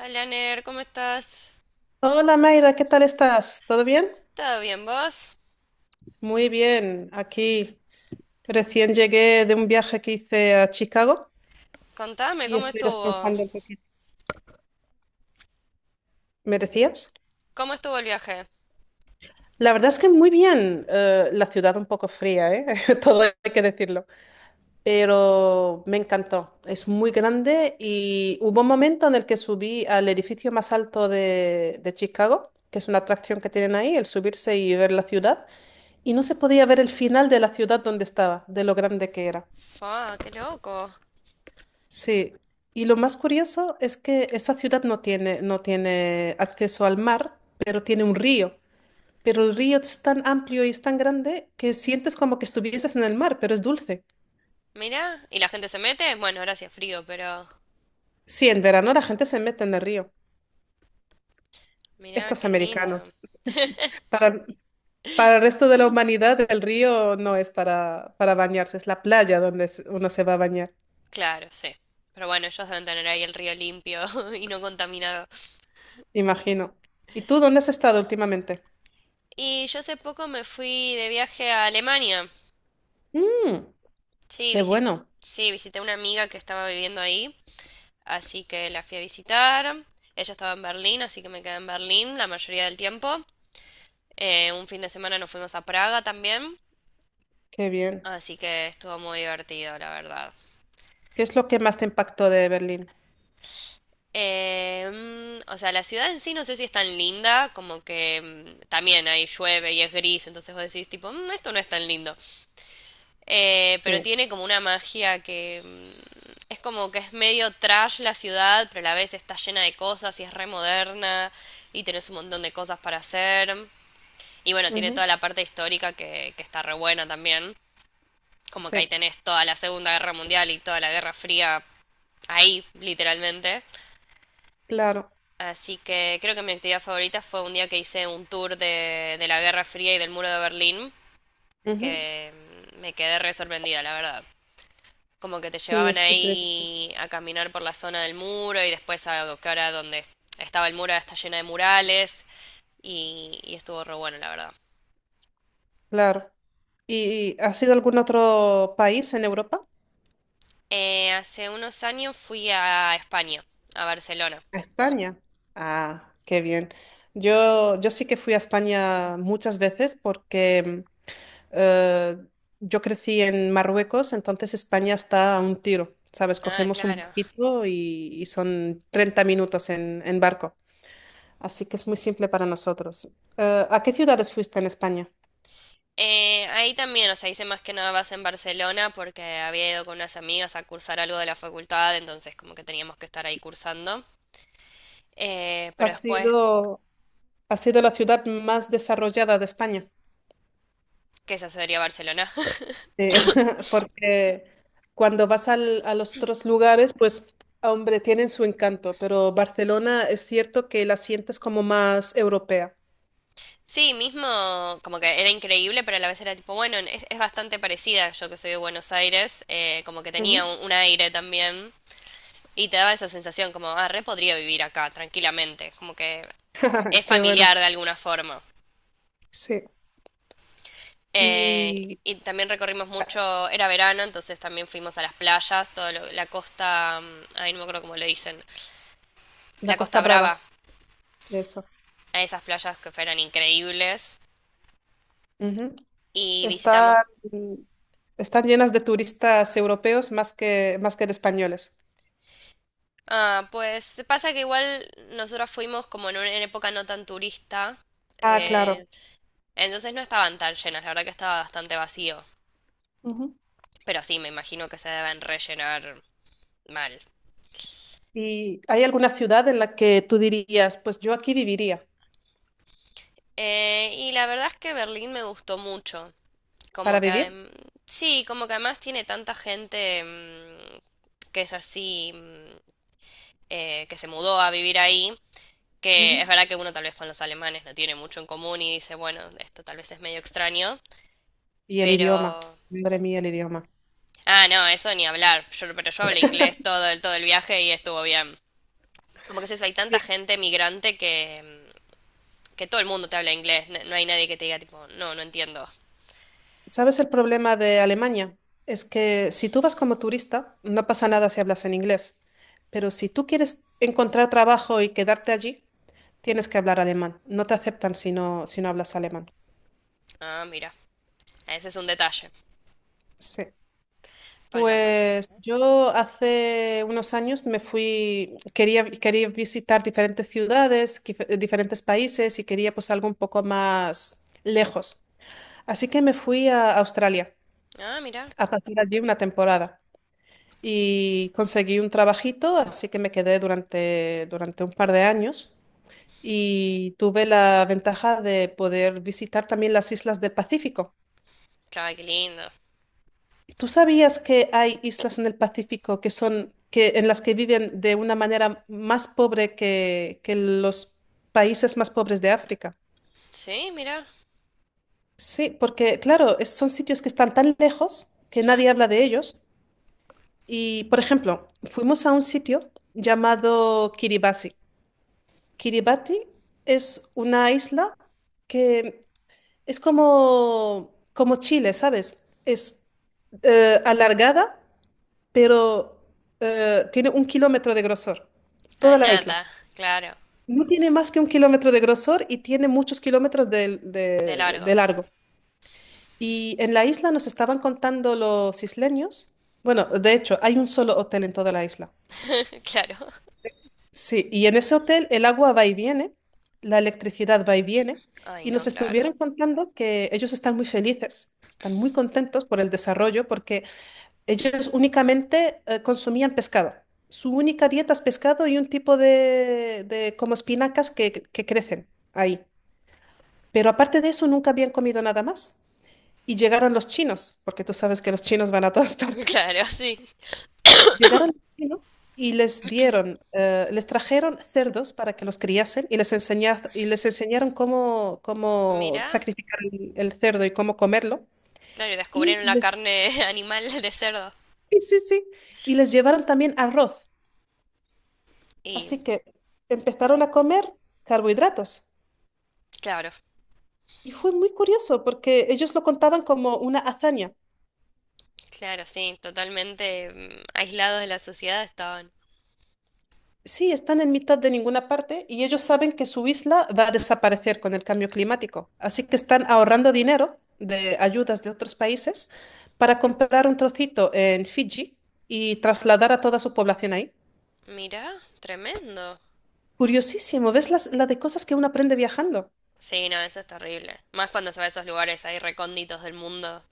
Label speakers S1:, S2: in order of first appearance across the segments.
S1: Hola, Ner, ¿cómo estás?
S2: Hola Mayra, ¿qué tal estás? ¿Todo bien?
S1: ¿Todo bien, vos?
S2: Muy bien, aquí recién llegué de un viaje que hice a Chicago
S1: Contame,
S2: y
S1: ¿cómo
S2: estoy
S1: estuvo?
S2: descansando un poquito. ¿Me decías?
S1: ¿Cómo estuvo el viaje?
S2: La verdad es que muy bien, la ciudad un poco fría, ¿eh? Todo hay que decirlo, pero me encantó. Es muy grande y hubo un momento en el que subí al edificio más alto de Chicago, que es una atracción que tienen ahí, el subirse y ver la ciudad, y no se podía ver el final de la ciudad donde estaba, de lo grande que era.
S1: Ah, qué loco.
S2: Sí, y lo más curioso es que esa ciudad no tiene, no tiene acceso al mar, pero tiene un río. Pero el río es tan amplio y es tan grande que sientes como que estuvieses en el mar, pero es dulce.
S1: Mirá, ¿y la gente se mete? Bueno, ahora sí es frío, pero
S2: Sí, en verano la gente se mete en el río,
S1: mirá,
S2: estos
S1: qué lindo.
S2: americanos. Para, para el resto de la humanidad, el río no es para bañarse, es la playa donde uno se va a bañar,
S1: Claro, sí. Pero bueno, ellos deben tener ahí el río limpio y no contaminado.
S2: imagino. ¿Y tú dónde has estado últimamente?
S1: Y yo hace poco me fui de viaje a Alemania.
S2: Mm,
S1: Sí,
S2: qué
S1: visi-
S2: bueno,
S1: sí, visité a una amiga que estaba viviendo ahí, así que la fui a visitar. Ella estaba en Berlín, así que me quedé en Berlín la mayoría del tiempo. Un fin de semana nos fuimos a Praga también,
S2: qué bien.
S1: así que estuvo muy divertido, la verdad.
S2: ¿Qué es lo que más te impactó de Berlín?
S1: Eh, o sea, la ciudad en sí no sé si es tan linda, como que también ahí llueve y es gris, entonces vos decís tipo, "Mm, esto no es tan lindo. Pero
S2: Sí.
S1: tiene como una magia que es como que es medio trash la ciudad, pero a la vez está llena de cosas y es re moderna y tenés un montón de cosas para hacer. Y bueno, tiene
S2: Ujú.
S1: toda la parte histórica que está re buena también. Como que ahí
S2: Sí,
S1: tenés toda la Segunda Guerra Mundial y toda la Guerra Fría ahí, literalmente.
S2: claro.
S1: Así que creo que mi actividad favorita fue un día que hice un tour de la Guerra Fría y del Muro de Berlín,
S2: Ujú.
S1: que me quedé re sorprendida, la verdad. Como que te
S2: Sí,
S1: llevaban
S2: es muy triste.
S1: ahí a caminar por la zona del muro y después a que ahora donde estaba el muro ahora está llena de murales y estuvo re bueno, la verdad.
S2: Claro. ¿Y has ido a algún otro país en Europa?
S1: Hace unos años fui a España, a Barcelona.
S2: A España. Ah, qué bien. Yo sí que fui a España muchas veces porque eh, yo crecí en Marruecos, entonces España está a un tiro, ¿sabes?
S1: Ah,
S2: Cogemos un
S1: claro.
S2: barquito y son 30 minutos en barco. Así que es muy simple para nosotros. ¿A qué ciudades fuiste en España?
S1: Ahí también, o sea, hice más que nada base en Barcelona porque había ido con unas amigas a cursar algo de la facultad, entonces como que teníamos que estar ahí cursando. Pero
S2: ¿Has
S1: después,
S2: ido? Ha sido la ciudad más desarrollada de España,
S1: ¿qué se asesoría Barcelona?
S2: eh, porque cuando vas a los otros lugares, pues, ah, hombre, tienen su encanto, pero Barcelona es cierto que la sientes como más europea.
S1: Sí, mismo, como que era increíble, pero a la vez era tipo, bueno, es bastante parecida, yo que soy de Buenos Aires, como que tenía
S2: Ujú.
S1: un aire también y te daba esa sensación como, ah, re podría vivir acá tranquilamente, como que es
S2: Qué bueno,
S1: familiar de alguna forma.
S2: sí.
S1: Eh,
S2: Y
S1: y también recorrimos mucho, era verano, entonces también fuimos a las playas, toda la costa, ay, no me acuerdo cómo le dicen,
S2: la
S1: la
S2: Costa
S1: Costa Brava,
S2: Brava, eso.
S1: a esas playas que fueron increíbles.
S2: Ujú.
S1: Y visitamos,
S2: Está- están llenas de turistas europeos más que de españoles.
S1: ah, pues pasa que igual nosotros fuimos como en una época no tan turista,
S2: Ah, claro.
S1: eh, entonces no estaban tan llenas, la verdad que estaba bastante vacío,
S2: Ujú.
S1: pero sí, me imagino que se deben rellenar mal.
S2: ¿Y hay alguna ciudad en la que tú dirías, pues yo aquí viviría?
S1: Y la verdad es que Berlín me gustó mucho. Como
S2: Para
S1: que
S2: vivir.
S1: sí, como que además tiene tanta gente que es así, que se mudó a vivir ahí, que es
S2: Ujú.
S1: verdad que uno tal vez con los alemanes no tiene mucho en común y dice, bueno, esto tal vez es medio extraño,
S2: Y el
S1: pero...
S2: idioma, madre mía, el idioma.
S1: Ah, no, eso ni hablar. Yo, pero yo hablé inglés todo el viaje y estuvo bien. Como que es eso, hay tanta
S2: Sí.
S1: gente migrante que, que todo el mundo te habla inglés. No hay nadie que te diga tipo, no, no entiendo.
S2: ¿Sabes el problema de Alemania? Es que si tú vas como turista, no pasa nada si hablas en inglés, pero si tú quieres encontrar trabajo y quedarte allí, tienes que hablar alemán. No te aceptan si no, si no hablas alemán.
S1: Ah, mira. Ese es un detalle.
S2: Sí.
S1: Porque aparte...
S2: Pues
S1: ¿eh?
S2: yo hace unos años me fui, quería, quería visitar diferentes ciudades, diferentes países y quería pues algo un poco más lejos. Así que me fui a Australia
S1: Ah, mira.
S2: a pasar allí una temporada y conseguí un trabajito, así que me quedé durante un par de años y tuve la ventaja de poder visitar también las islas del Pacífico.
S1: Claro, qué lindo.
S2: ¿Tú sabías que hay islas en el Pacífico que son, que, en las que viven de una manera más pobre que los países más pobres de África?
S1: Sí, mira.
S2: Sí, porque claro, son sitios que están tan lejos que nadie
S1: Claro.
S2: habla de ellos. Y, por ejemplo, fuimos a un sitio llamado Kiribati. Kiribati es una isla que es como, como Chile, ¿sabes? Es alargada, pero tiene un kilómetro de grosor,
S1: Ah,
S2: toda la isla.
S1: nada. Claro.
S2: No tiene más que un kilómetro de grosor y tiene muchos kilómetros de,
S1: De
S2: de
S1: largo.
S2: de largo. Y en la isla nos estaban contando los isleños. Bueno, de hecho, hay un solo hotel en toda la isla.
S1: Claro.
S2: Sí, y en ese hotel el agua va y viene, la electricidad va y viene,
S1: Ay,
S2: y
S1: no,
S2: nos
S1: claro.
S2: estuvieron contando que ellos están muy felices, están muy contentos por el desarrollo, porque ellos únicamente consumían pescado. Su única dieta es pescado y un tipo de como espinacas que crecen ahí. Pero aparte de eso, nunca habían comido nada más. Y llegaron los chinos, porque tú sabes que los chinos van a todas partes.
S1: Claro, sí.
S2: Llegaron los chinos y les dieron, les trajeron cerdos para que los criasen y les enseñaron cómo
S1: Mira.
S2: sacrificar el cerdo y cómo comerlo.
S1: Claro, y
S2: Y
S1: descubrieron la
S2: les,
S1: carne animal de cerdo.
S2: sí, sí, sí, y les llevaron también arroz.
S1: Y
S2: Así que empezaron a comer carbohidratos.
S1: claro,
S2: Y fue muy curioso porque ellos lo contaban como una hazaña.
S1: claro, sí, totalmente aislados de la sociedad estaban.
S2: Sí, están en mitad de ninguna parte y ellos saben que su isla va a desaparecer con el cambio climático. Así que están ahorrando dinero de ayudas de otros países para comprar un trocito en Fiji y trasladar a toda su población ahí.
S1: Mira, tremendo.
S2: Curiosísimo, ¿ves la de cosas que uno aprende viajando?
S1: Sí, no, eso es terrible. Más cuando se va a esos lugares ahí recónditos del mundo.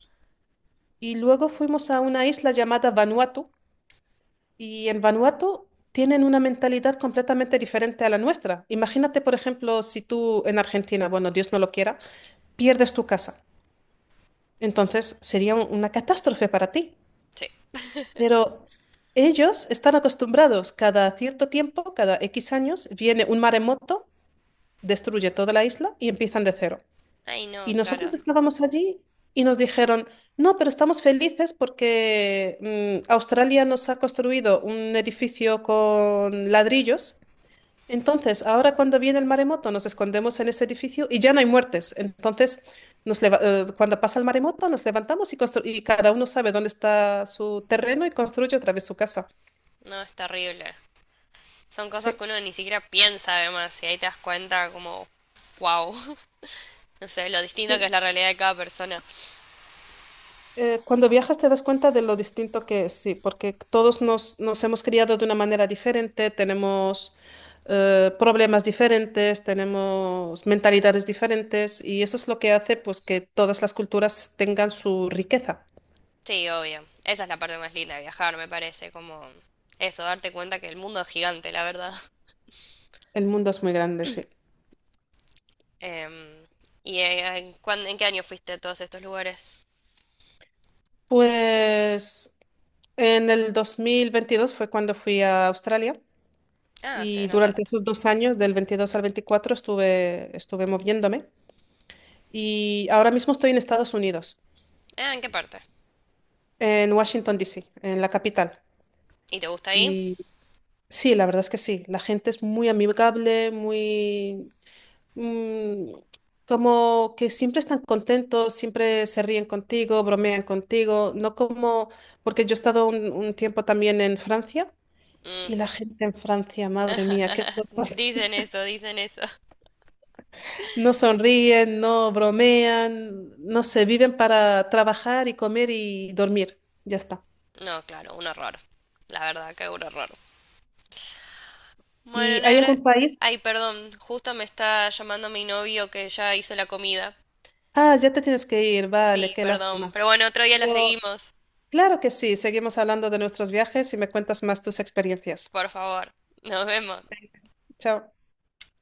S2: Y luego fuimos a una isla llamada Vanuatu y en Vanuatu tienen una mentalidad completamente diferente a la nuestra. Imagínate, por ejemplo, si tú en Argentina, bueno, Dios no lo quiera, pierdes tu casa. Entonces sería una catástrofe para ti.
S1: Sí.
S2: Pero ellos están acostumbrados, cada cierto tiempo, cada X años, viene un maremoto, destruye toda la isla y empiezan de cero.
S1: Ay,
S2: Y
S1: no, claro.
S2: nosotros estábamos allí y nos dijeron, no, pero estamos felices porque Australia nos ha construido un edificio con ladrillos. Entonces, ahora cuando viene el maremoto, nos escondemos en ese edificio y ya no hay muertes. Entonces, cuando pasa el maremoto, nos levantamos y cada uno sabe dónde está su terreno y construye otra vez su casa.
S1: No, es terrible. Son cosas
S2: Sí,
S1: que uno ni siquiera piensa además, y ahí te das cuenta como, wow, no sé, lo distinta que es
S2: sí.
S1: la realidad de cada persona.
S2: Cuando viajas te das cuenta de lo distinto que es, sí, porque todos nos hemos criado de una manera diferente, tenemos problemas diferentes, tenemos mentalidades diferentes y eso es lo que hace pues que todas las culturas tengan su riqueza.
S1: Sí, obvio. Esa es la parte más linda de viajar, me parece, como eso, darte cuenta que el mundo es gigante, la verdad.
S2: El mundo es muy grande, sí.
S1: Em, ¿Y en qué año fuiste a todos estos lugares?
S2: Pues en el 2022 fue cuando fui a Australia
S1: Ah, hace
S2: y
S1: no
S2: durante
S1: tanto.
S2: esos 2 años, del 22 al 24 estuve, estuve moviéndome y ahora mismo estoy en Estados Unidos,
S1: Ah, ¿en qué parte?
S2: en Washington, D. C. en la capital.
S1: ¿Y te gusta ahí?
S2: Y sí, la verdad es que sí, la gente es muy amigable, muy... mm, como que siempre están contentos, siempre se ríen contigo, bromean contigo, no como... Porque yo he estado un tiempo también en Francia. Y
S1: Mm.
S2: la gente en Francia, madre mía, qué cosas.
S1: Dicen eso, dicen eso.
S2: No sonríen, no bromean, no se viven para trabajar y comer y dormir. Ya está.
S1: No, claro, un horror. La verdad que un horror. Bueno,
S2: ¿Y hay
S1: Ner,
S2: algún país?
S1: ay, perdón, justo me está llamando mi novio que ya hizo la comida.
S2: Ah, ya te tienes que ir, vale,
S1: Sí,
S2: qué
S1: perdón,
S2: lástima.
S1: pero bueno, otro día la
S2: Pero
S1: seguimos,
S2: claro que sí, seguimos hablando de nuestros viajes y me cuentas más tus experiencias.
S1: por favor. Nos vemos.
S2: Chao.